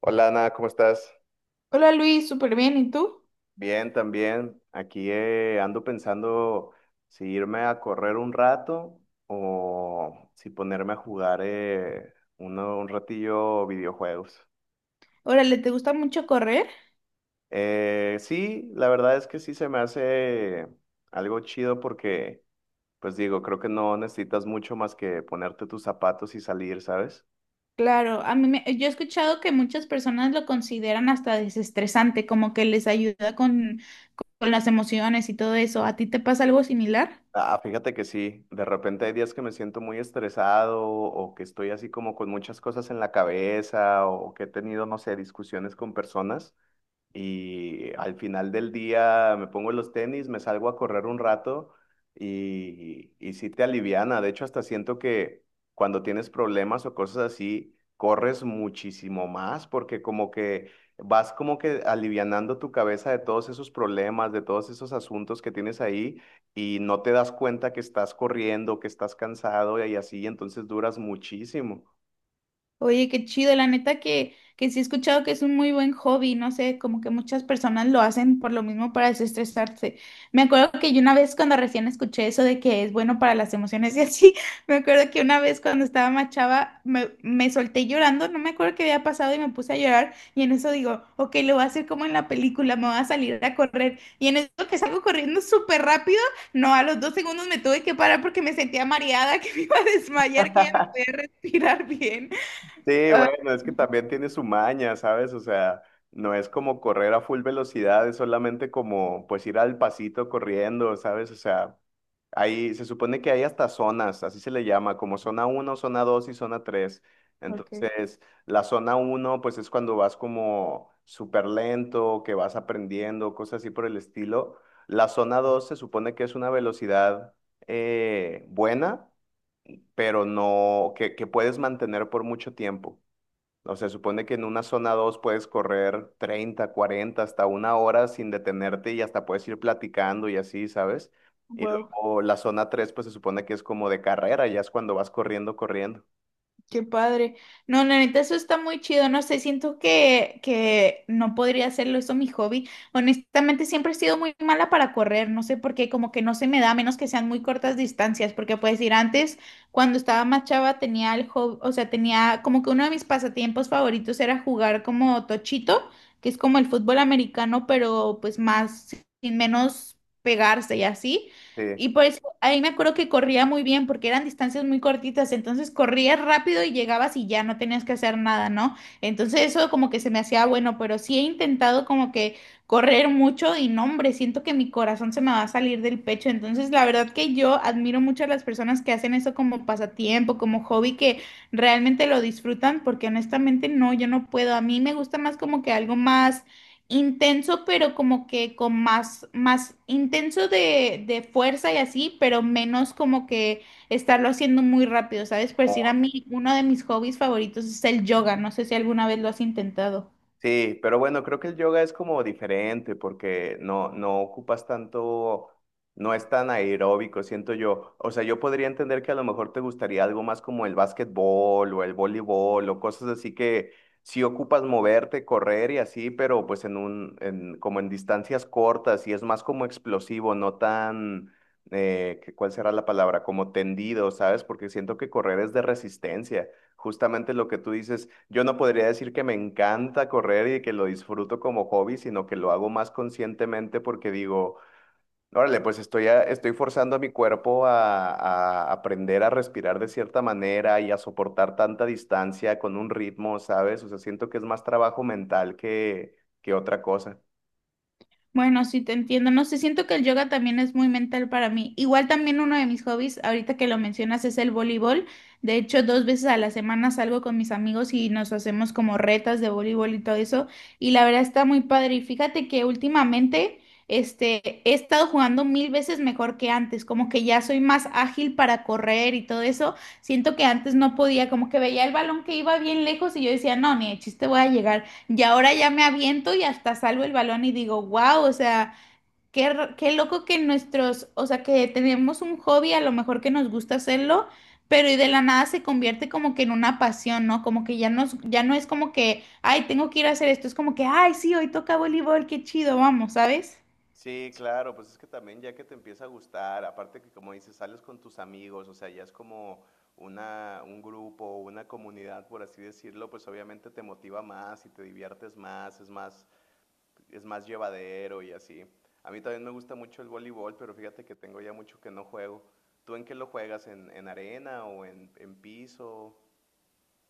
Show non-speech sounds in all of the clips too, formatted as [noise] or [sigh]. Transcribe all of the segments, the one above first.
Hola Ana, ¿cómo estás? Hola Luis, súper bien, ¿y tú? Bien, también. Aquí ando pensando si irme a correr un rato o si ponerme a jugar un ratillo videojuegos. Órale, ¿te gusta mucho correr? Sí, la verdad es que sí se me hace algo chido porque, pues digo, creo que no necesitas mucho más que ponerte tus zapatos y salir, ¿sabes? Claro, yo he escuchado que muchas personas lo consideran hasta desestresante, como que les ayuda con las emociones y todo eso. ¿A ti te pasa algo similar? Ah, fíjate que sí, de repente hay días que me siento muy estresado o que estoy así como con muchas cosas en la cabeza o que he tenido, no sé, discusiones con personas y al final del día me pongo los tenis, me salgo a correr un rato y sí te aliviana. De hecho, hasta siento que cuando tienes problemas o cosas así, corres muchísimo más porque como que vas como que alivianando tu cabeza de todos esos problemas, de todos esos asuntos que tienes ahí y no te das cuenta que estás corriendo, que estás cansado y así, entonces duras muchísimo. Oye, qué chido, la neta que sí he escuchado que es un muy buen hobby, no sé, como que muchas personas lo hacen por lo mismo para desestresarse. Me acuerdo que yo una vez cuando recién escuché eso de que es bueno para las emociones y así, [laughs] me acuerdo que una vez cuando estaba más chava me solté llorando, no me acuerdo qué había pasado y me puse a llorar y en eso digo, ok, lo voy a hacer como en la película, me voy a salir a correr y en eso que salgo corriendo súper rápido, no, a los 2 segundos me tuve que parar porque me sentía mareada, [laughs] que me iba a desmayar, que ya no [laughs] podía respirar bien. Sí, Ah, bueno, es que también tiene su maña, ¿sabes? O sea, no es como correr a full velocidad, es solamente como pues ir al pasito corriendo, ¿sabes? O sea, ahí se supone que hay hasta zonas, así se le llama, como zona uno, zona 2 y zona 3. ok, Entonces, la zona uno, pues es cuando vas como súper lento, que vas aprendiendo, cosas así por el estilo. La zona 2 se supone que es una velocidad buena, pero no, que puedes mantener por mucho tiempo. O sea, supone que en una zona 2 puedes correr 30 40 hasta una hora sin detenerte y hasta puedes ir platicando y así, ¿sabes? Y wow, luego la zona 3 pues se supone que es como de carrera, ya es cuando vas corriendo, corriendo. qué padre. No, la neta, eso está muy chido. No sé, siento que no podría hacerlo eso mi hobby. Honestamente, siempre he sido muy mala para correr. No sé por qué, como que no se me da, a menos que sean muy cortas distancias. Porque puedes decir, antes, cuando estaba más chava, tenía el hobby, o sea, tenía como que uno de mis pasatiempos favoritos era jugar como tochito, que es como el fútbol americano, pero pues más, sin menos pegarse y así. Sí. Y por eso ahí me acuerdo que corría muy bien porque eran distancias muy cortitas, entonces corrías rápido y llegabas y ya no tenías que hacer nada, ¿no? Entonces eso como que se me hacía bueno, pero sí he intentado como que correr mucho y no, hombre, siento que mi corazón se me va a salir del pecho, entonces la verdad que yo admiro mucho a las personas que hacen eso como pasatiempo, como hobby, que realmente lo disfrutan porque honestamente no, yo no puedo, a mí me gusta más como que algo más intenso, pero como que con más intenso de fuerza y así, pero menos como que estarlo haciendo muy rápido, ¿sabes? Por decir a mí, uno de mis hobbies favoritos es el yoga, no sé si alguna vez lo has intentado. Sí, pero bueno, creo que el yoga es como diferente porque no, no ocupas tanto, no es tan aeróbico, siento yo. O sea, yo podría entender que a lo mejor te gustaría algo más como el básquetbol o el voleibol o cosas así que sí ocupas moverte, correr y así, pero pues en un, en, como en distancias cortas y es más como explosivo, no tan, ¿cuál será la palabra? Como tendido, ¿sabes? Porque siento que correr es de resistencia. Justamente lo que tú dices, yo no podría decir que me encanta correr y que lo disfruto como hobby, sino que lo hago más conscientemente porque digo, órale, pues estoy forzando a mi cuerpo a aprender a respirar de cierta manera y a soportar tanta distancia con un ritmo, ¿sabes? O sea, siento que es más trabajo mental que otra cosa. Bueno, sí te entiendo. No sé, siento que el yoga también es muy mental para mí. Igual también uno de mis hobbies, ahorita que lo mencionas, es el voleibol. De hecho, 2 veces a la semana salgo con mis amigos y nos hacemos como retas de voleibol y todo eso. Y la verdad está muy padre. Y fíjate que últimamente, he estado jugando mil veces mejor que antes. Como que ya soy más ágil para correr y todo eso. Siento que antes no podía, como que veía el balón que iba bien lejos y yo decía, no, ni de chiste voy a llegar. Y ahora ya me aviento y hasta salvo el balón y digo, wow, o sea, qué, qué loco que nuestros, o sea, que tenemos un hobby, a lo mejor que nos gusta hacerlo, pero y de la nada se convierte como que en una pasión, ¿no? Como que ya nos, ya no es como que, ay, tengo que ir a hacer esto, es como que, ay, sí, hoy toca voleibol, qué chido, vamos, ¿sabes? Sí, claro, pues es que también ya que te empieza a gustar, aparte que como dices, sales con tus amigos, o sea, ya es como una, un grupo, una comunidad, por así decirlo, pues obviamente te motiva más y te diviertes más, es más, es más llevadero y así. A mí también me gusta mucho el voleibol, pero fíjate que tengo ya mucho que no juego. ¿Tú en qué lo juegas? ¿En arena o en piso?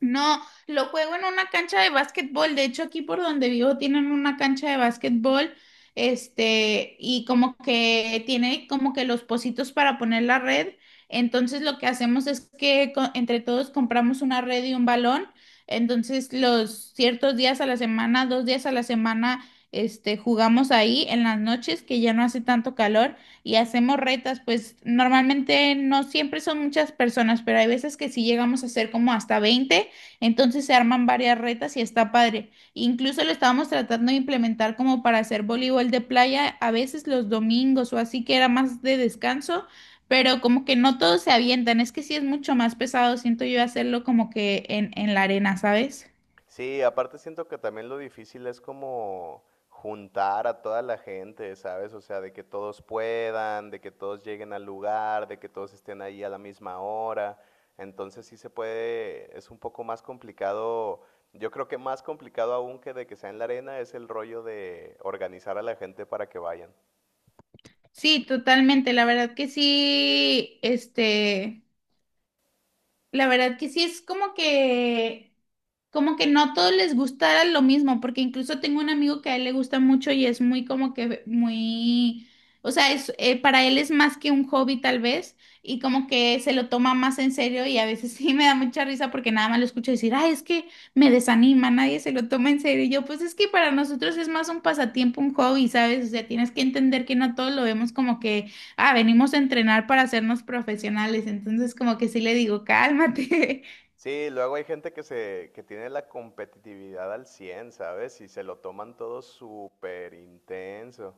No, lo juego en una cancha de básquetbol. De hecho, aquí por donde vivo tienen una cancha de básquetbol. Y como que tiene como que los pocitos para poner la red. Entonces, lo que hacemos es que entre todos compramos una red y un balón. Entonces, los ciertos días a la semana, 2 días a la semana, jugamos ahí en las noches, que ya no hace tanto calor, y hacemos retas. Pues normalmente no siempre son muchas personas, pero hay veces que sí llegamos a ser como hasta 20. Entonces se arman varias retas y está padre. Incluso lo estábamos tratando de implementar como para hacer voleibol de playa a veces los domingos o así que era más de descanso, pero como que no todos se avientan. Es que sí es mucho más pesado, siento yo, hacerlo como que en la arena, ¿sabes? Sí, aparte siento que también lo difícil es como juntar a toda la gente, ¿sabes? O sea, de que todos puedan, de que todos lleguen al lugar, de que todos estén ahí a la misma hora. Entonces sí se puede, es un poco más complicado, yo creo que más complicado aún que de que sea en la arena es el rollo de organizar a la gente para que vayan. Sí, totalmente. La verdad que sí es como que no a todos les gustara lo mismo, porque incluso tengo un amigo que a él le gusta mucho y es muy como que muy, o sea, es, para él es más que un hobby tal vez, y como que se lo toma más en serio y a veces [laughs] sí me da mucha risa porque nada más lo escucho decir, ay, es que me desanima, nadie se lo toma en serio. Y yo, pues es que para nosotros es más un pasatiempo, un hobby, ¿sabes? O sea, tienes que entender que no todos lo vemos como que ah, venimos a entrenar para hacernos profesionales, entonces como que sí le digo, cálmate. [laughs] Sí, luego hay gente que que tiene la competitividad al 100, ¿sabes? Y se lo toman todo súper intenso.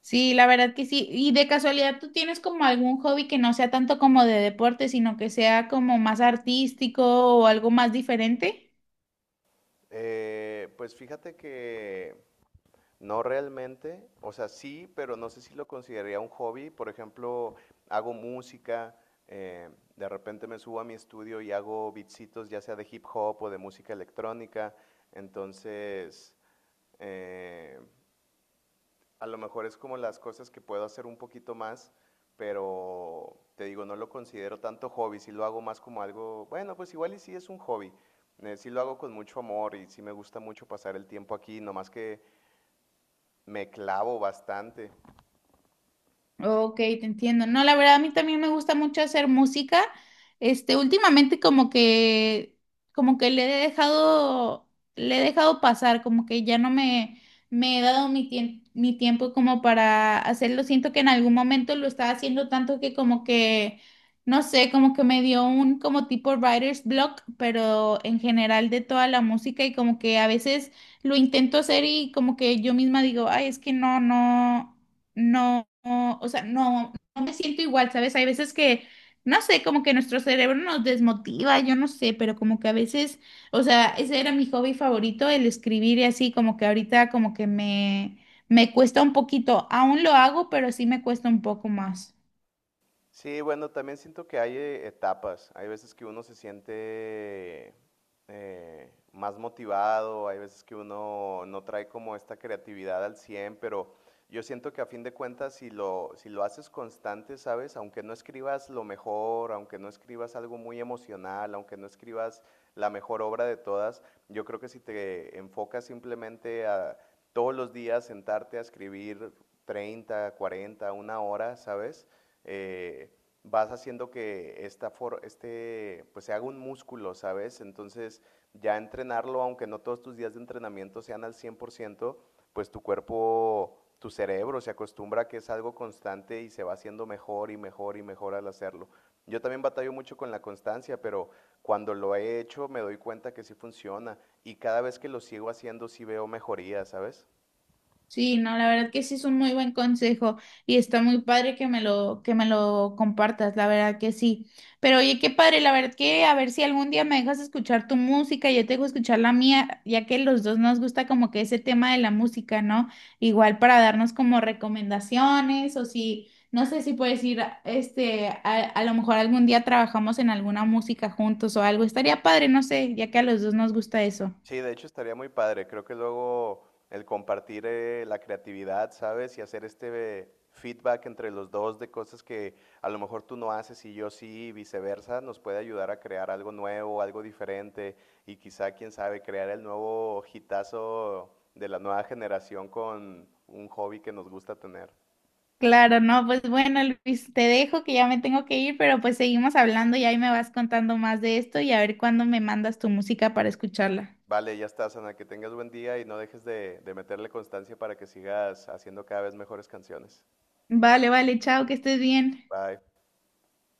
Sí, la verdad que sí. Y de casualidad, ¿tú tienes como algún hobby que no sea tanto como de deporte, sino que sea como más artístico o algo más diferente? Pues fíjate que no realmente, o sea, sí, pero no sé si lo consideraría un hobby. Por ejemplo, hago música, eh, de repente me subo a mi estudio y hago beatsitos, ya sea de hip hop o de música electrónica. Entonces, eh, a lo mejor es como las cosas que puedo hacer un poquito más, pero te digo, no lo considero tanto hobby, si lo hago más como algo, bueno, pues igual y sí es un hobby, sí lo hago con mucho amor y sí me gusta mucho pasar el tiempo aquí, nomás que me clavo bastante. Ok, te entiendo. No, la verdad, a mí también me gusta mucho hacer música. Últimamente como que le he dejado pasar, como que ya no me, me he dado mi tiempo como para hacerlo. Siento que en algún momento lo estaba haciendo tanto que como que, no sé, como que me dio un como tipo writer's block, pero en general de toda la música y como que a veces lo intento hacer y como que yo misma digo, ay, es que no, no no, no, o sea, no, no me siento igual, ¿sabes? Hay veces que, no sé, como que nuestro cerebro nos desmotiva, yo no sé, pero como que a veces, o sea, ese era mi hobby favorito, el escribir y así, como que ahorita como que me cuesta un poquito, aún lo hago, pero sí me cuesta un poco más. Sí, bueno, también siento que hay etapas. Hay veces que uno se siente más motivado, hay veces que uno no trae como esta creatividad al 100. Pero yo siento que a fin de cuentas, si lo haces constante, ¿sabes? Aunque no escribas lo mejor, aunque no escribas algo muy emocional, aunque no escribas la mejor obra de todas, yo creo que si te enfocas simplemente a todos los días sentarte a escribir 30, 40, una hora, ¿sabes? eh, vas haciendo que pues se haga un músculo, ¿sabes? Entonces, ya entrenarlo, aunque no todos tus días de entrenamiento sean al 100% pues tu cuerpo, tu cerebro se acostumbra a que es algo constante y se va haciendo mejor y mejor y mejor al hacerlo. Yo también batallo mucho con la constancia, pero cuando lo he hecho me doy cuenta que sí funciona y cada vez que lo sigo haciendo sí veo mejoría, ¿sabes? Sí, no, la verdad que sí es un muy buen consejo y está muy padre que me lo, compartas, la verdad que sí. Pero oye, qué padre, la verdad que a ver si algún día me dejas escuchar tu música y yo te dejo escuchar la mía, ya que los dos nos gusta como que ese tema de la música, ¿no? Igual para darnos como recomendaciones o si, no sé si puedes ir, a lo mejor algún día trabajamos en alguna música juntos o algo, estaría padre, no sé, ya que a los dos nos gusta eso. Sí, de hecho estaría muy padre. Creo que luego el compartir la creatividad, ¿sabes? Y hacer este feedback entre los dos de cosas que a lo mejor tú no haces y yo sí, y viceversa, nos puede ayudar a crear algo nuevo, algo diferente y quizá, quién sabe, crear el nuevo hitazo de la nueva generación con un hobby que nos gusta tener. Claro, no, pues bueno, Luis, te dejo que ya me tengo que ir, pero pues seguimos hablando y ahí me vas contando más de esto y a ver cuándo me mandas tu música para escucharla. Vale, ya estás, Ana, que tengas buen día y no dejes de meterle constancia para que sigas haciendo cada vez mejores canciones. Vale, vale, chao, que estés bien. Bye.